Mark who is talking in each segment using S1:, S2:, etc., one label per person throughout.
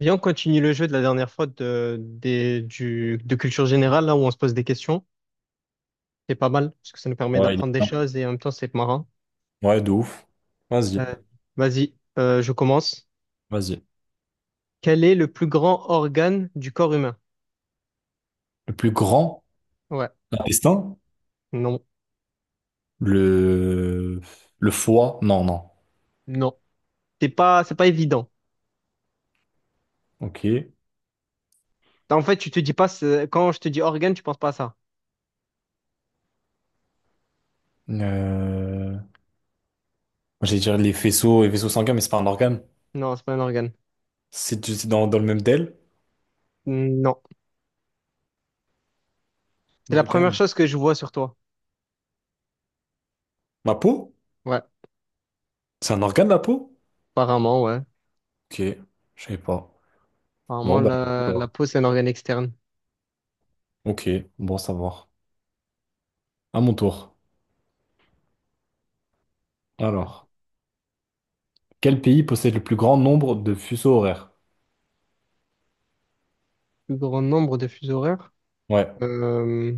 S1: Viens, on continue le jeu de la dernière fois de culture générale, là où on se pose des questions. C'est pas mal, parce que ça nous permet
S2: Ouais, il est
S1: d'apprendre des
S2: bien.
S1: choses et en même temps, c'est marrant.
S2: Ouais, de ouf. Vas-y,
S1: Euh, vas-y, je commence.
S2: vas-y.
S1: Quel est le plus grand organe du corps humain?
S2: Le plus grand
S1: Ouais,
S2: intestin?
S1: non,
S2: Le... Le foie? Non, non.
S1: non. C'est pas évident.
S2: Ok.
S1: En fait, tu te dis pas, quand je te dis organe, tu penses pas à ça.
S2: Moi, J'allais dire les faisceaux et vaisseaux sanguins, mais c'est pas un organe.
S1: Non, c'est pas un organe.
S2: C'est dans le même DEL?
S1: Non.
S2: Un
S1: C'est la première
S2: organe.
S1: chose que je vois sur toi.
S2: Ma peau?
S1: Ouais,
S2: C'est un organe, la peau?
S1: ouais.
S2: Ok, je savais pas.
S1: Apparemment,
S2: Bon, bah, voilà.
S1: la peau, c'est un organe externe.
S2: ok, bon, à savoir. À mon tour.
S1: Le
S2: Alors, quel pays possède le plus grand nombre de fuseaux horaires?
S1: plus grand nombre de fuseaux horaires?
S2: Ouais,
S1: Euh,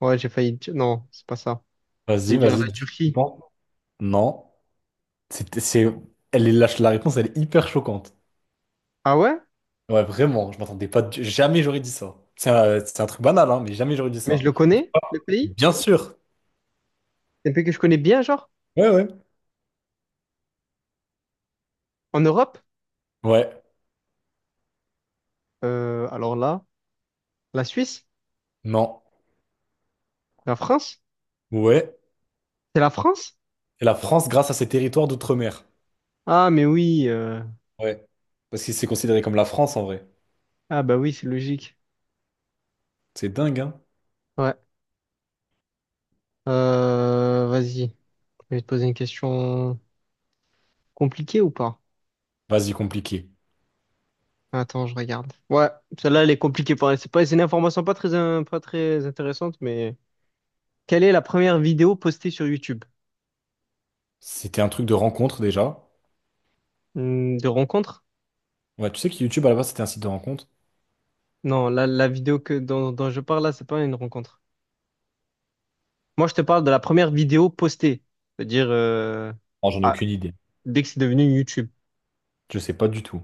S1: ouais, j'ai failli dire. Non, c'est pas ça.
S2: vas-y,
S1: J'allais dire
S2: vas-y,
S1: la
S2: dis, tu
S1: Turquie.
S2: penses. Non. C'est, c'est- Elle est, la réponse, elle est hyper choquante.
S1: Ah ouais?
S2: Ouais, vraiment, je m'attendais pas. Jamais j'aurais dit ça. C'est un truc banal, hein, mais jamais j'aurais dit
S1: Mais je
S2: ça.
S1: le connais, le pays?
S2: Bien sûr.
S1: C'est un pays que je connais bien, genre?
S2: Ouais, ouais.
S1: En Europe?
S2: Ouais,
S1: Alors là, la Suisse?
S2: non.
S1: La France?
S2: Ouais.
S1: C'est la France?
S2: Et la France grâce à ses territoires d'outre-mer.
S1: Ah, mais oui.
S2: Ouais. Parce que c'est considéré comme la France en vrai.
S1: Ah bah oui, c'est logique.
S2: C'est dingue, hein.
S1: Ouais. Vas-y. Je vais te poser une question compliquée ou pas?
S2: Vas-y, compliqué.
S1: Attends, je regarde. Ouais, celle-là, elle est compliquée elle. C'est une information pas très, pas très intéressante, mais quelle est la première vidéo postée sur YouTube?
S2: C'était un truc de rencontre déjà.
S1: Hmm, de rencontre?
S2: Ouais, tu sais que YouTube à la base c'était un site de rencontre?
S1: Non, la vidéo que, dont, dont je parle là, c'est pas une rencontre. Moi, je te parle de la première vidéo postée, c'est-à-dire
S2: Non, j'en ai
S1: ah,
S2: aucune idée.
S1: dès que c'est devenu YouTube.
S2: Je sais pas du tout.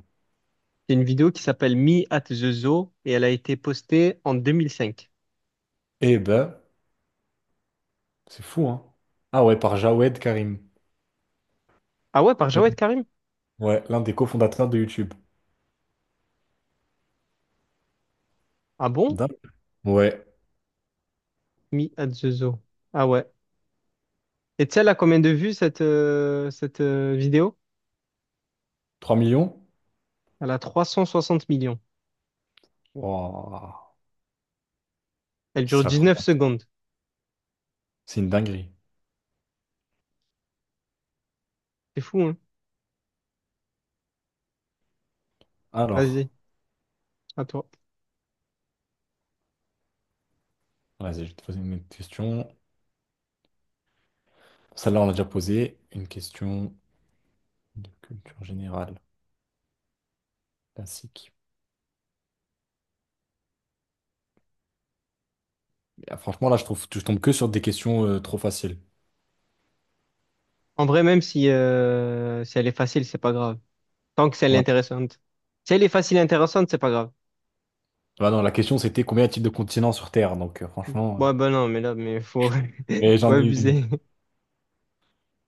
S1: C'est une vidéo qui s'appelle Me at the Zoo et elle a été postée en 2005.
S2: Eh ben, c'est fou, hein. Ah ouais, par Jawed Karim.
S1: Ah ouais, par Jawed Karim?
S2: Ouais, l'un des cofondateurs de YouTube.
S1: Ah bon?
S2: Dap- Ouais,
S1: Me at the Zoo. Ah ouais. Et tu sais, elle a combien de vues cette, vidéo?
S2: 3 millions?
S1: Elle a 360 millions.
S2: Wouah,
S1: Elle dure
S2: c'est la
S1: 19
S2: première.
S1: secondes.
S2: C'est une dinguerie.
S1: C'est fou, hein?
S2: Alors,
S1: Vas-y, à toi.
S2: vas-y, je vais te poser une autre question. Celle-là, on l'a déjà posée. Une question de culture générale, classique. Mais, ah, franchement, là, je trouve, je tombe que sur des questions trop faciles.
S1: En vrai, même si, si elle est facile, c'est pas grave. Tant que si elle est
S2: Ouais.
S1: intéressante. Si elle est facile et intéressante, c'est pas grave.
S2: Bah non, la question, c'était combien y a-t-il de continents sur Terre? Donc, franchement.
S1: Ouais, ben non, mais là, mais faut,
S2: Mais
S1: faut
S2: j'en ai une.
S1: abuser.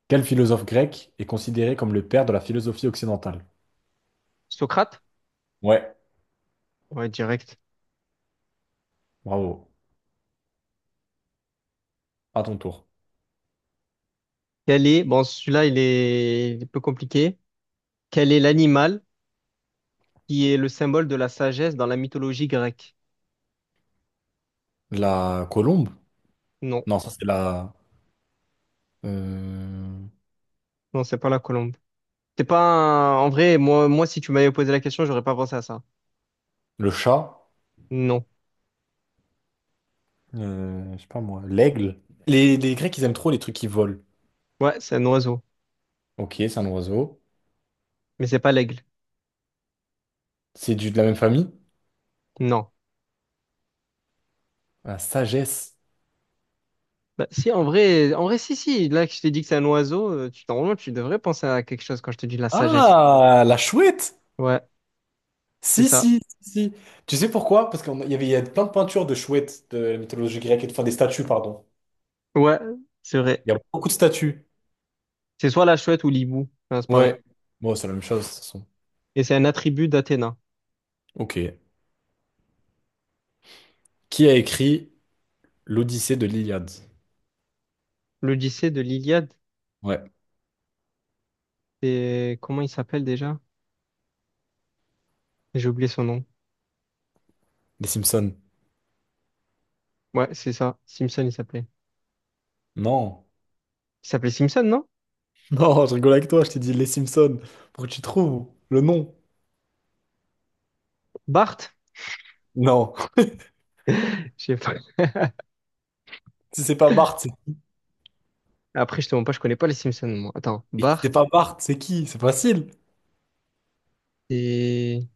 S2: Quel philosophe grec est considéré comme le père de la philosophie occidentale?
S1: Socrate?
S2: Ouais,
S1: Ouais, direct.
S2: bravo. À ton tour.
S1: Quel est, bon, celui-là, il est peu compliqué. Quel est l'animal qui est le symbole de la sagesse dans la mythologie grecque?
S2: La colombe?
S1: Non,
S2: Non, ça, c'est la. euh,
S1: non, c'est pas la colombe. C'est pas un. En vrai, moi, si tu m'avais posé la question, j'aurais pas pensé à ça.
S2: Le chat,
S1: Non.
S2: je sais pas moi, l'aigle. Les Grecs, ils aiment trop les trucs qui volent.
S1: Ouais, c'est un oiseau.
S2: Ok, c'est un oiseau.
S1: Mais c'est pas l'aigle.
S2: C'est de la même famille?
S1: Non.
S2: La sagesse.
S1: Bah, si, en vrai, si, si. Là, que je t'ai dit que c'est un oiseau, tu, normalement, tu devrais penser à quelque chose quand je te dis la sagesse.
S2: Ah, la chouette!
S1: Ouais, c'est
S2: Si,
S1: ça.
S2: si, si, si. Tu sais pourquoi? Parce qu'il y a plein de peintures de chouettes de la mythologie grecque, enfin des statues, pardon.
S1: Ouais, c'est vrai.
S2: Il y a beaucoup de statues.
S1: C'est soit la chouette ou l'hibou. Enfin, c'est pareil.
S2: Ouais. Bon, c'est la même chose, de toute façon.
S1: Et c'est un attribut d'Athéna.
S2: Ok. Qui a écrit l'Odyssée de l'Iliade?
S1: L'Odyssée de l'Iliade,
S2: Ouais.
S1: c'est, comment il s'appelle déjà? J'ai oublié son nom.
S2: Les Simpsons.
S1: Ouais, c'est ça. Simpson, il s'appelait.
S2: Non.
S1: Il s'appelait Simpson, non?
S2: Non, je rigole avec toi, je t'ai dit les Simpsons. Pour que tu trouves le nom.
S1: Bart?
S2: Non.
S1: Je sais pas.
S2: Si c'est pas Bart, c'est
S1: Après, je te mens pas, je connais pas les Simpsons, moi. Attends,
S2: si
S1: Bart
S2: c'est pas Bart, c'est qui? C'est facile.
S1: et...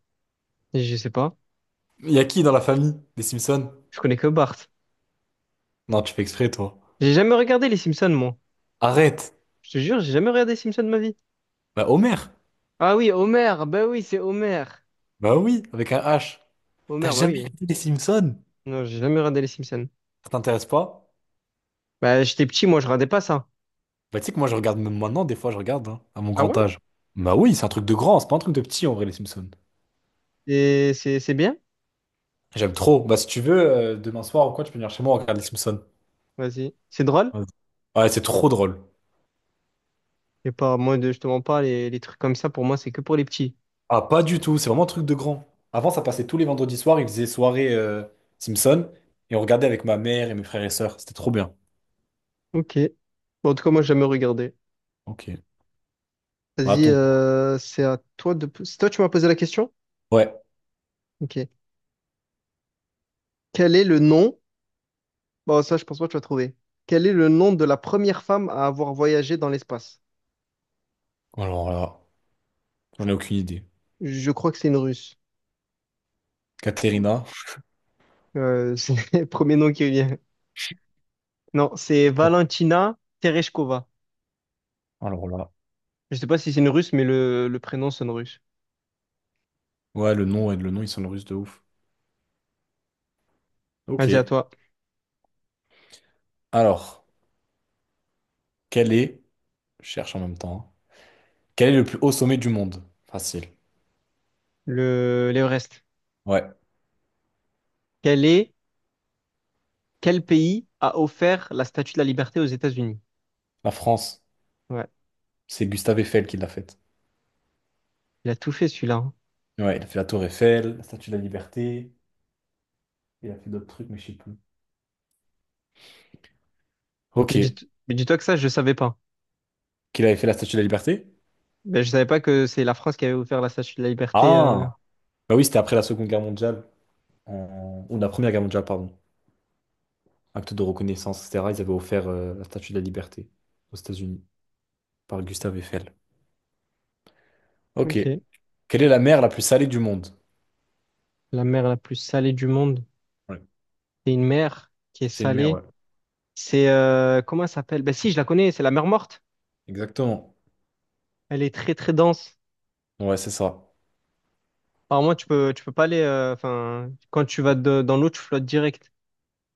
S1: Je sais pas.
S2: Il y a qui dans la famille des Simpsons?
S1: Je connais que Bart.
S2: Non, tu fais exprès, toi.
S1: J'ai jamais regardé les Simpsons, moi.
S2: Arrête.
S1: Je te jure, j'ai jamais regardé les Simpsons de ma vie.
S2: Bah, Homer.
S1: Ah oui, Homer, bah oui, c'est Homer.
S2: Bah oui, avec un H. T'as
S1: Homer, bah
S2: jamais
S1: oui.
S2: regardé les Simpsons?
S1: Non, j'ai jamais regardé les Simpsons.
S2: Ça t'intéresse pas?
S1: Bah, j'étais petit, moi, je regardais pas ça.
S2: Bah, tu sais que moi, je regarde même maintenant, des fois, je regarde, hein, à mon
S1: Ah
S2: grand
S1: ouais?
S2: âge. Bah oui, c'est un truc de grand, c'est pas un truc de petit, en vrai, les Simpsons.
S1: Et c'est bien?
S2: J'aime trop. Bah, si tu veux, demain soir ou quoi, tu peux venir chez moi, on regarde les Simpsons.
S1: Vas-y. C'est drôle?
S2: Vas-y. Ouais, c'est trop drôle.
S1: Et pas, moi, je te mens pas, les trucs comme ça, pour moi, c'est que pour les petits.
S2: Ah, pas du tout, c'est vraiment un truc de grand. Avant, ça passait tous les vendredis soirs, ils faisaient soirée Simpson, et on regardait avec ma mère et mes frères et sœurs, c'était trop bien.
S1: Ok. Bon, en tout cas, moi, j'ai jamais regardé.
S2: Ok. Bah, à
S1: Vas-y,
S2: ton tour.
S1: c'est à toi C'est toi, tu m'as posé la question?
S2: Ouais.
S1: Ok. Quel est le nom? Bon, ça, je pense pas que tu vas trouver. Quel est le nom de la première femme à avoir voyagé dans l'espace?
S2: Alors là, j'en ai aucune idée.
S1: Je crois que c'est une Russe.
S2: Katerina.
S1: C'est le premier nom qui vient. Non, c'est Valentina Tereshkova.
S2: Alors là.
S1: Je sais pas si c'est une Russe, mais le prénom sonne russe.
S2: Ouais, le nom, et le nom, ils sont russes de ouf.
S1: Vas-y, à
S2: Ok.
S1: toi.
S2: Alors, quel est, je cherche en même temps, hein. Quel est le plus haut sommet du monde? Facile.
S1: l'Everest.
S2: Ouais.
S1: Quel est, quel pays a offert la Statue de la Liberté aux États-Unis?
S2: La France,
S1: Ouais,
S2: c'est Gustave Eiffel qui l'a faite.
S1: il a tout fait celui-là, hein.
S2: Ouais, il a fait la Tour Eiffel, la Statue de la Liberté, il a fait d'autres trucs, mais je sais plus.
S1: Mais dis,
S2: Ok.
S1: mais dis-toi que ça, je savais pas.
S2: Qu'il avait fait la Statue de la Liberté?
S1: Ben, je savais pas que c'est la France qui avait offert la Statue de la Liberté.
S2: Ah! Bah oui, c'était après la Seconde Guerre mondiale, ou la Première Guerre mondiale, pardon. Acte de reconnaissance, etc. Ils avaient offert la Statue de la Liberté aux États-Unis par Gustave Eiffel. Ok.
S1: Ok.
S2: Quelle est la mer la plus salée du monde?
S1: La mer la plus salée du monde.
S2: Ouais.
S1: C'est une mer qui est
S2: C'est une mer,
S1: salée.
S2: ouais.
S1: C'est comment elle s'appelle? Ben si, je la connais, c'est la mer morte.
S2: Exactement.
S1: Elle est très très dense.
S2: Ouais, c'est ça.
S1: Alors moi, tu peux pas aller. Enfin, quand tu vas dans l'eau, tu flottes direct.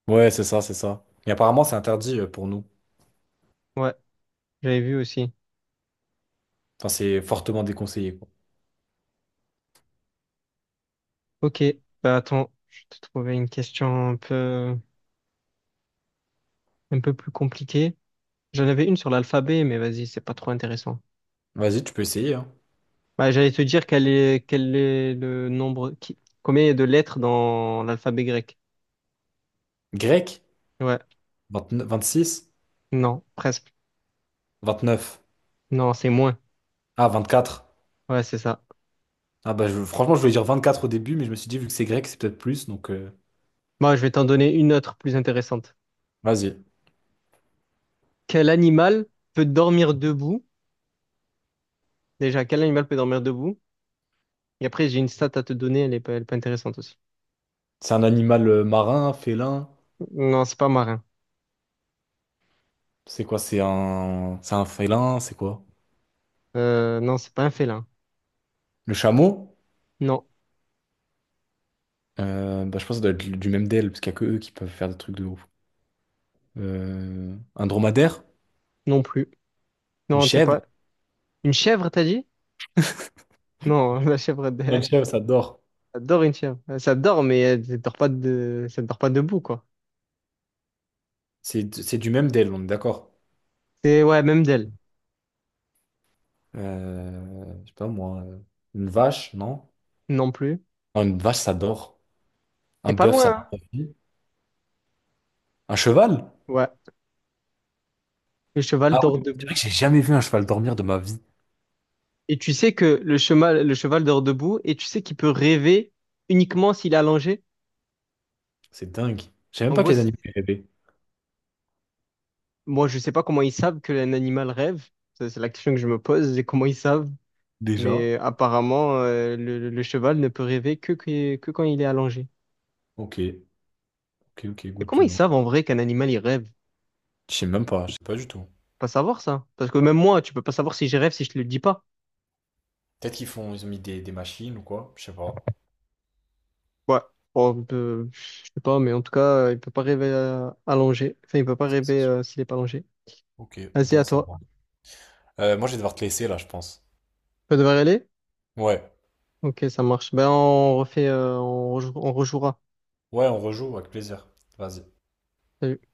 S2: Ouais, c'est ça, c'est ça. Mais apparemment, c'est interdit pour nous.
S1: Ouais, j'avais vu aussi.
S2: Enfin, c'est fortement déconseillé, quoi.
S1: Ok. Bah attends, je vais te trouver une question un peu plus compliquée. J'en avais une sur l'alphabet, mais vas-y, c'est pas trop intéressant.
S2: Vas-y, tu peux essayer, hein.
S1: Bah, j'allais te dire quel est le nombre qui combien il y a de lettres dans l'alphabet grec.
S2: Grec?
S1: Ouais.
S2: 29 26?
S1: Non, presque.
S2: 29?
S1: Non, c'est moins.
S2: Ah, 24.
S1: Ouais, c'est ça.
S2: Ah bah franchement, je voulais dire 24 au début, mais je me suis dit, vu que c'est grec, c'est peut-être plus, donc
S1: Moi, je vais t'en donner une autre plus intéressante.
S2: vas-y.
S1: Quel animal peut dormir debout? Déjà, quel animal peut dormir debout? Et après, j'ai une stat à te donner, elle est pas intéressante aussi.
S2: C'est un animal marin, félin.
S1: Non, c'est pas marin.
S2: C'est quoi? C'est un félin, c'est quoi?
S1: Non, c'est pas un félin.
S2: Le chameau?
S1: Non,
S2: Bah, je pense que ça doit être du même DL, parce qu'il n'y a que eux qui peuvent faire des trucs de ouf. Un dromadaire?
S1: non plus.
S2: Une
S1: Non, t'es
S2: chèvre?
S1: pas. Une chèvre, t'as dit? Non, la chèvre,
S2: Ouais, une
S1: elle,
S2: chèvre, ça dort.
S1: elle dort une chèvre. Ça dort, mais elle, elle dort pas de... ça dort pas debout, quoi.
S2: C'est du même DL, on est d'accord.
S1: C'est, ouais, même d'elle.
S2: Je sais pas moi. Une vache, non?
S1: Non plus.
S2: Non, une vache, ça dort.
S1: T'es
S2: Un
S1: pas
S2: bœuf,
S1: loin,
S2: ça
S1: hein?
S2: dort. Aussi. Un cheval?
S1: Ouais. Le cheval
S2: Ah
S1: dort
S2: oui, c'est
S1: debout.
S2: vrai que j'ai jamais vu un cheval dormir de ma vie.
S1: Et tu sais que le cheval dort debout, et tu sais qu'il peut rêver uniquement s'il est allongé?
S2: C'est dingue. Je sais même
S1: En
S2: pas
S1: gros,
S2: que les animaux ils rêvaient.
S1: moi, je sais pas comment ils savent que un animal rêve. Ça, c'est la question que je me pose, c'est comment ils savent.
S2: Déjà.
S1: Mais apparemment, le cheval ne peut rêver que quand il est allongé.
S2: Ok. Ok, ok,
S1: Mais
S2: good
S1: comment
S2: to
S1: ils
S2: know.
S1: savent en vrai qu'un animal, il rêve?
S2: Je sais même pas, je sais pas du tout.
S1: Pas savoir ça. Parce que même moi, tu peux pas savoir si je rêve si je te le dis pas.
S2: Peut-être qu'ils font, ils ont mis des machines ou quoi, je sais pas.
S1: Ouais. Bon, je sais pas, mais en tout cas, il peut pas rêver allongé. Enfin, il peut pas
S2: Ça, c'est
S1: rêver
S2: sûr.
S1: s'il est pas allongé.
S2: Ok,
S1: Vas-y, à
S2: bon, ça
S1: toi.
S2: va.
S1: Tu
S2: Moi, je vais devoir te laisser là, je pense.
S1: peux devoir y aller?
S2: Ouais.
S1: Ok, ça marche. Ben, on refait, on rejouera.
S2: Ouais, on rejoue avec plaisir. Vas-y.
S1: Salut.